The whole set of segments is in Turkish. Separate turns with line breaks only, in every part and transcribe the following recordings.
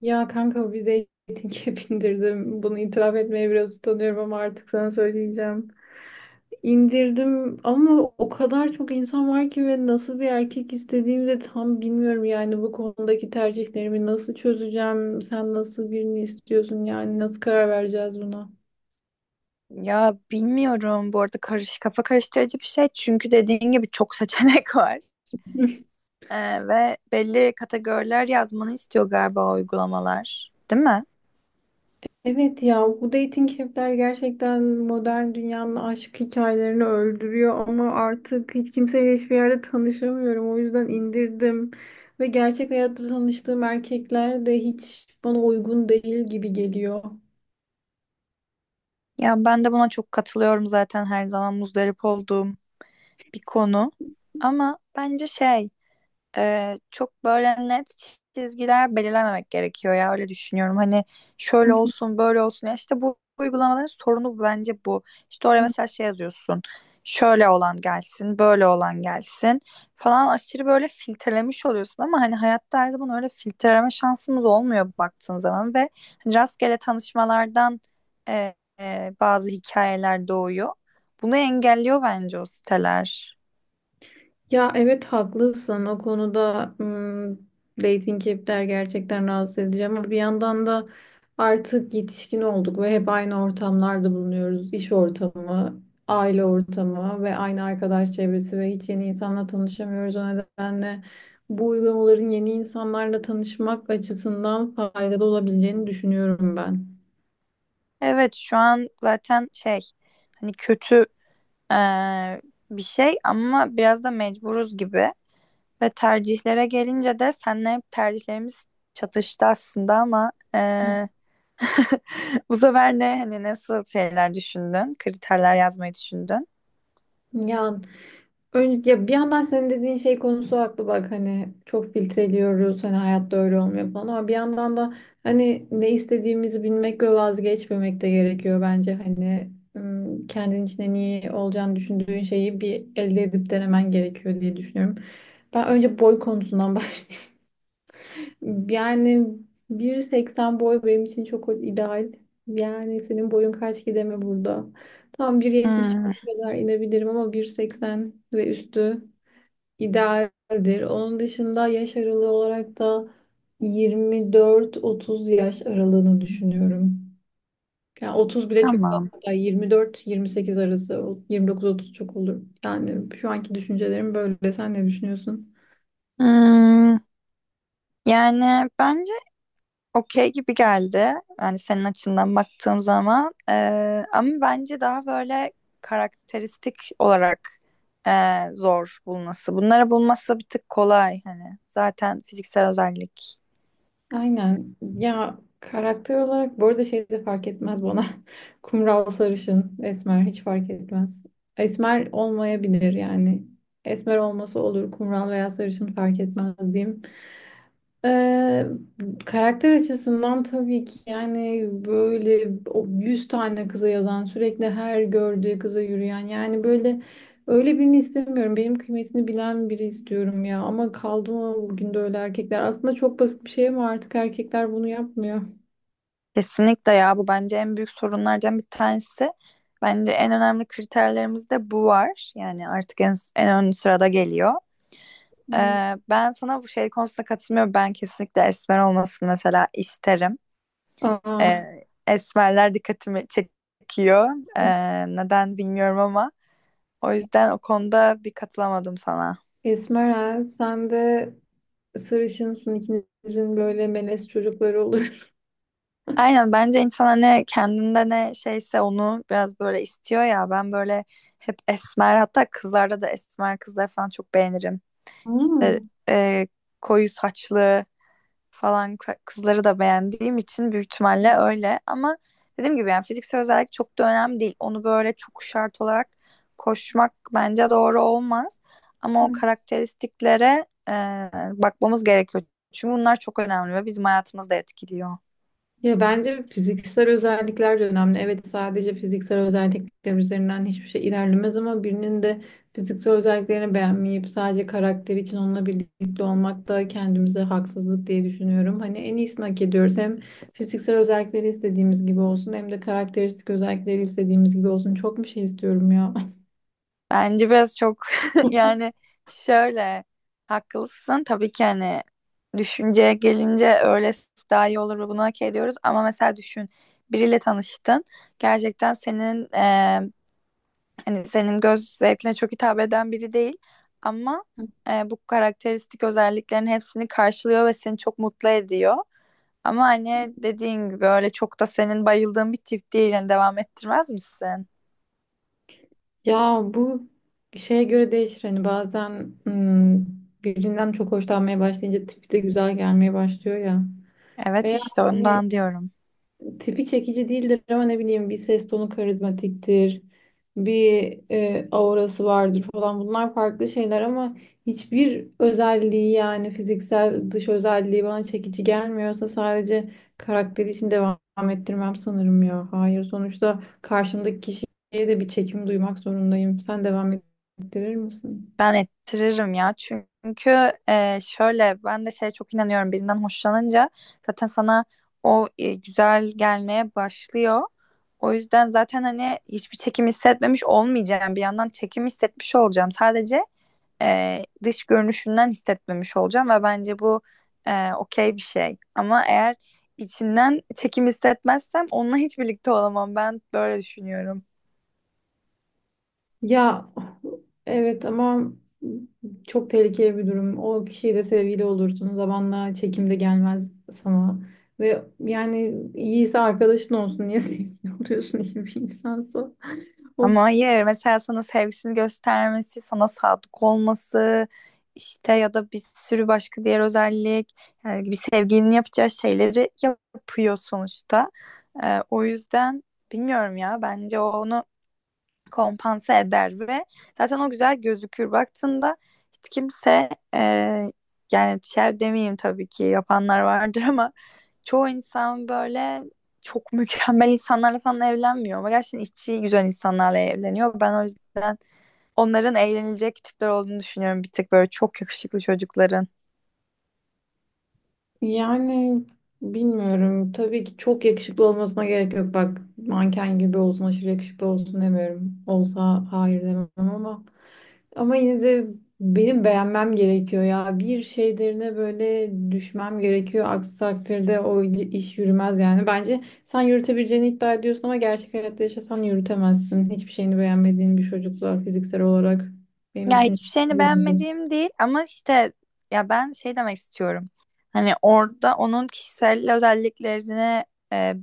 Ya kanka bir dating app indirdim. Bunu itiraf etmeye biraz utanıyorum ama artık sana söyleyeceğim. İndirdim ama o kadar çok insan var ki ve nasıl bir erkek istediğimi de tam bilmiyorum. Yani bu konudaki tercihlerimi nasıl çözeceğim? Sen nasıl birini istiyorsun? Yani nasıl karar vereceğiz buna?
Ya bilmiyorum, bu arada kafa karıştırıcı bir şey, çünkü dediğin gibi çok seçenek var. Ve belli kategoriler yazmanı istiyor galiba o uygulamalar, değil mi?
Evet, ya bu dating app'ler gerçekten modern dünyanın aşk hikayelerini öldürüyor ama artık hiç kimseyle hiçbir yerde tanışamıyorum. O yüzden indirdim ve gerçek hayatta tanıştığım erkekler de hiç bana uygun değil gibi geliyor.
Ya ben de buna çok katılıyorum, zaten her zaman muzdarip olduğum bir konu. Ama bence çok böyle net çizgiler belirlememek gerekiyor ya, öyle düşünüyorum. Hani şöyle
Hı
olsun, böyle olsun ya, işte bu uygulamaların sorunu bence bu. İşte oraya
hı.
mesela şey yazıyorsun. Şöyle olan gelsin, böyle olan gelsin falan, aşırı böyle filtrelemiş oluyorsun ama hani hayatta her zaman öyle filtreleme şansımız olmuyor baktığın zaman. Ve hani rastgele tanışmalardan bazı hikayeler doğuyor. Bunu engelliyor bence o siteler.
Ya evet, haklısın o konuda. Dating app'ler gerçekten rahatsız edici ama bir yandan da artık yetişkin olduk ve hep aynı ortamlarda bulunuyoruz. İş ortamı, aile ortamı ve aynı arkadaş çevresi ve hiç yeni insanla tanışamıyoruz. O nedenle bu uygulamaların yeni insanlarla tanışmak açısından faydalı olabileceğini düşünüyorum ben.
Evet, şu an zaten şey, hani kötü eee, bir şey ama biraz da mecburuz gibi. Ve tercihlere gelince de seninle hep tercihlerimiz çatıştı aslında, ama
Hı.
bu sefer ne, hani nasıl şeyler düşündün, kriterler yazmayı düşündün?
Ya öyle, ya bir yandan senin dediğin şey konusu haklı, bak hani çok filtreliyoruz, hani hayatta öyle olmuyor falan ama bir yandan da hani ne istediğimizi bilmek ve vazgeçmemek de gerekiyor bence. Kendin içinde niye olacağını düşündüğün şeyi bir elde edip denemen gerekiyor diye düşünüyorum. Ben önce boy konusundan başlayayım. Yani 1.80 boy benim için çok ideal. Yani senin boyun kaç, gideme burada? Tam 1.70
Hmm,
kadar inebilirim ama 1.80 ve üstü idealdir. Onun dışında yaş aralığı olarak da 24-30 yaş aralığını düşünüyorum. Yani 30 bile çok
tamam.
fazla. 24-28 arası, 29-30 çok olur. Yani şu anki düşüncelerim böyle. Sen ne düşünüyorsun?
Hmm, yani bence okey gibi geldi. Yani senin açından baktığım zaman. Ama bence daha böyle karakteristik olarak zor bulması. Bunları bulması bir tık kolay hani. Zaten fiziksel özellik.
Aynen. Ya karakter olarak bu arada şey de fark etmez bana. Kumral, sarışın, esmer hiç fark etmez. Esmer olmayabilir yani. Esmer olması olur, kumral veya sarışın fark etmez diyeyim. Ee, Karakter açısından tabii ki, yani böyle o 100 tane kıza yazan, sürekli her gördüğü kıza yürüyen, yani böyle öyle birini istemiyorum. Benim kıymetini bilen biri istiyorum ya ama kaldı mı bugün de öyle erkekler? Aslında çok basit bir şey ama artık erkekler bunu yapmıyor.
Kesinlikle ya, bu bence en büyük sorunlardan bir tanesi. Bence en önemli kriterlerimizde bu var. Yani artık en ön sırada geliyor.
Evet.
Ben sana bu şey konusunda katılmıyorum. Ben kesinlikle esmer olmasını mesela isterim.
Aa,
e, Esmerler dikkatimi çekiyor. E, Neden bilmiyorum ama o yüzden o konuda bir katılamadım sana.
esmera sen de sarışınsın, ikinizin böyle melez çocukları olur.
Aynen, bence insan ne kendinde ne şeyse onu biraz böyle istiyor ya, ben böyle hep esmer, hatta kızlarda da esmer kızlar falan çok beğenirim. İşte e, koyu saçlı falan kızları da beğendiğim için büyük ihtimalle öyle. Ama dediğim gibi, yani fiziksel özellik çok da önemli değil. Onu böyle çok şart olarak koşmak bence doğru olmaz. Ama o
Hmm.
karakteristiklere bakmamız gerekiyor. Çünkü bunlar çok önemli ve bizim hayatımızı da etkiliyor.
Ya bence fiziksel özellikler de önemli. Evet, sadece fiziksel özellikler üzerinden hiçbir şey ilerlemez ama birinin de fiziksel özelliklerini beğenmeyip sadece karakter için onunla birlikte olmak da kendimize haksızlık diye düşünüyorum. Hani en iyisini hak ediyoruz. Hem fiziksel özellikleri istediğimiz gibi olsun, hem de karakteristik özellikleri istediğimiz gibi olsun. Çok bir şey istiyorum ya.
Bence biraz çok yani şöyle, haklısın tabii ki hani, düşünceye gelince öylesi daha iyi olur ve bunu hak ediyoruz. Ama mesela düşün, biriyle tanıştın, gerçekten senin, hani senin göz zevkine çok hitap eden biri değil ama bu karakteristik özelliklerin hepsini karşılıyor ve seni çok mutlu ediyor. Ama hani dediğin gibi öyle çok da senin bayıldığın bir tip değil. Yani devam ettirmez misin?
Ya bu şeye göre değişir, hani bazen birinden çok hoşlanmaya başlayınca tipi de güzel gelmeye başlıyor ya.
Evet,
Veya
işte
hani
ondan diyorum.
tipi çekici değildir ama ne bileyim, bir ses tonu karizmatiktir, bir aurası vardır falan, bunlar farklı şeyler ama hiçbir özelliği, yani fiziksel dış özelliği bana çekici gelmiyorsa sadece karakteri için devam ettirmem sanırım ya. Hayır, sonuçta karşımdaki kişiye de bir çekim duymak zorundayım. Sen devam ettirir misin?
Ben ettiririm ya, çünkü şöyle, ben de şeye çok inanıyorum, birinden hoşlanınca zaten sana o güzel gelmeye başlıyor. O yüzden zaten hani hiçbir çekim hissetmemiş olmayacağım, bir yandan çekim hissetmiş olacağım, sadece dış görünüşünden hissetmemiş olacağım ve bence bu okey bir şey. Ama eğer içinden çekim hissetmezsem onunla hiç birlikte olamam, ben böyle düşünüyorum.
Ya evet ama çok tehlikeli bir durum. O kişiyle sevgili olursun. Zamanla çekim de gelmez sana. Ve yani iyiyse arkadaşın olsun. Niye sevgili oluyorsun iyi bir insansa? Of.
Ama hayır, mesela sana sevgisini göstermesi, sana sadık olması, işte ya da bir sürü başka diğer özellik, yani bir sevgilinin yapacağı şeyleri yapıyor sonuçta. O yüzden bilmiyorum ya, bence o onu kompanse eder ve zaten o güzel gözükür. Baktığında hiç kimse e, yani şer demeyeyim, tabii ki yapanlar vardır ama çoğu insan böyle çok mükemmel insanlarla falan evlenmiyor, ama gerçekten içi güzel insanlarla evleniyor. Ben o yüzden onların eğlenilecek tipler olduğunu düşünüyorum, bir tık böyle çok yakışıklı çocukların.
Yani bilmiyorum. Tabii ki çok yakışıklı olmasına gerek yok. Bak, manken gibi olsun, aşırı yakışıklı olsun demiyorum. Olsa hayır demem ama. Ama yine de benim beğenmem gerekiyor ya. Bir şeylerine böyle düşmem gerekiyor. Aksi takdirde o iş yürümez yani. Bence sen yürütebileceğini iddia ediyorsun ama gerçek hayatta yaşasan yürütemezsin. Hiçbir şeyini beğenmediğin bir çocukla fiziksel olarak, benim
Ya
düşüncem
hiçbir şeyini
bu yönde.
beğenmediğim değil, ama işte ya ben şey demek istiyorum. Hani orada onun kişisel özelliklerine e,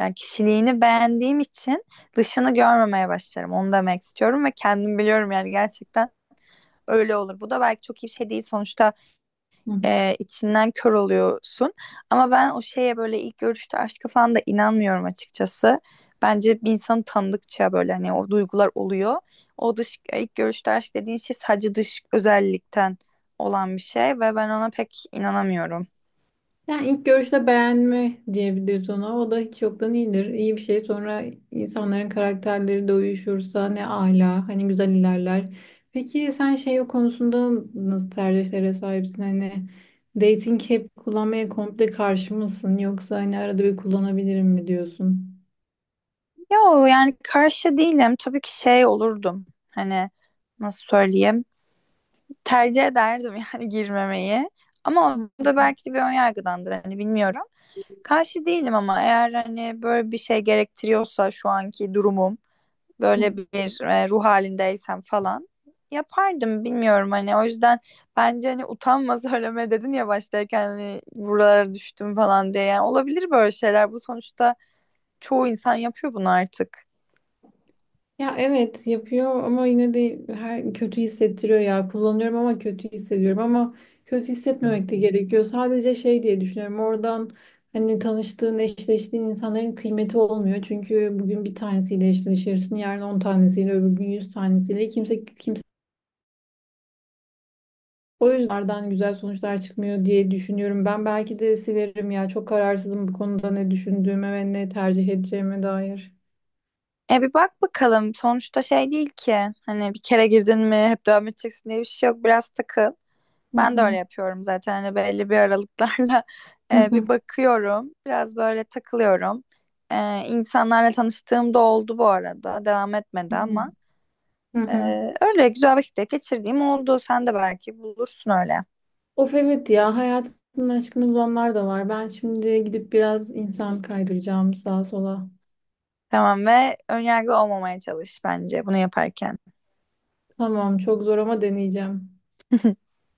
Yani kişiliğini beğendiğim için dışını görmemeye başlarım. Onu demek istiyorum ve kendim biliyorum, yani gerçekten öyle olur. Bu da belki çok iyi bir şey değil. Sonuçta içinden kör oluyorsun. Ama ben o şeye, böyle ilk görüşte aşka falan da inanmıyorum açıkçası. Bence bir insanı tanıdıkça böyle hani o duygular oluyor. O dış ilk görüşte aşk dediğin şey sadece dış özellikten olan bir şey ve ben ona pek inanamıyorum.
Yani ilk görüşte beğenme diyebiliriz ona. O da hiç yoktan iyidir. İyi bir şey. Sonra insanların karakterleri de uyuşursa ne ala. Hani güzel ilerler. Peki sen şey o konusunda nasıl tercihlere sahipsin? Hani dating app kullanmaya komple karşı mısın? Yoksa hani arada bir kullanabilirim mi diyorsun?
Yo, yani karşı değilim. Tabii ki şey olurdum, hani nasıl söyleyeyim, tercih ederdim yani girmemeyi. Ama o da belki de bir ön yargıdandır hani, bilmiyorum. Karşı değilim ama eğer hani böyle bir şey gerektiriyorsa, şu anki durumum böyle bir ruh halindeysem falan, yapardım, bilmiyorum hani. O yüzden bence hani utanma söyleme dedin ya baştayken, hani buralara düştüm falan diye, yani olabilir böyle şeyler bu, sonuçta çoğu insan yapıyor bunu artık.
Ya evet, yapıyor ama yine de her kötü hissettiriyor ya. Kullanıyorum ama kötü hissediyorum ama kötü hissetmemek de gerekiyor. Sadece şey diye düşünüyorum. Oradan hani tanıştığın, eşleştiğin insanların kıymeti olmuyor. Çünkü bugün bir tanesiyle eşleşirsin, yarın 10 tanesiyle, öbür gün 100 tanesiyle. Kimse kimse, o yüzden oradan güzel sonuçlar çıkmıyor diye düşünüyorum. Ben belki de silerim ya. Çok kararsızım bu konuda ne düşündüğüme ve ne tercih edeceğime dair.
E bir bak bakalım, sonuçta şey değil ki, hani bir kere girdin mi hep devam edeceksin diye bir şey yok, biraz takıl.
Hı
Ben de öyle
hı.
yapıyorum zaten, hani belli bir aralıklarla
Hı hı.
bir bakıyorum. Biraz böyle takılıyorum. İnsanlarla tanıştığım da oldu bu arada. Devam etmedi
Hı hı.
ama
Hı
e,
hı.
öyle güzel vakitler geçirdiğim oldu. Sen de belki bulursun öyle.
Of evet ya, hayatının aşkını bulanlar da var. Ben şimdi gidip biraz insan kaydıracağım sağa sola.
Tamam, ve önyargılı olmamaya çalış bence bunu yaparken.
Tamam, çok zor ama deneyeceğim.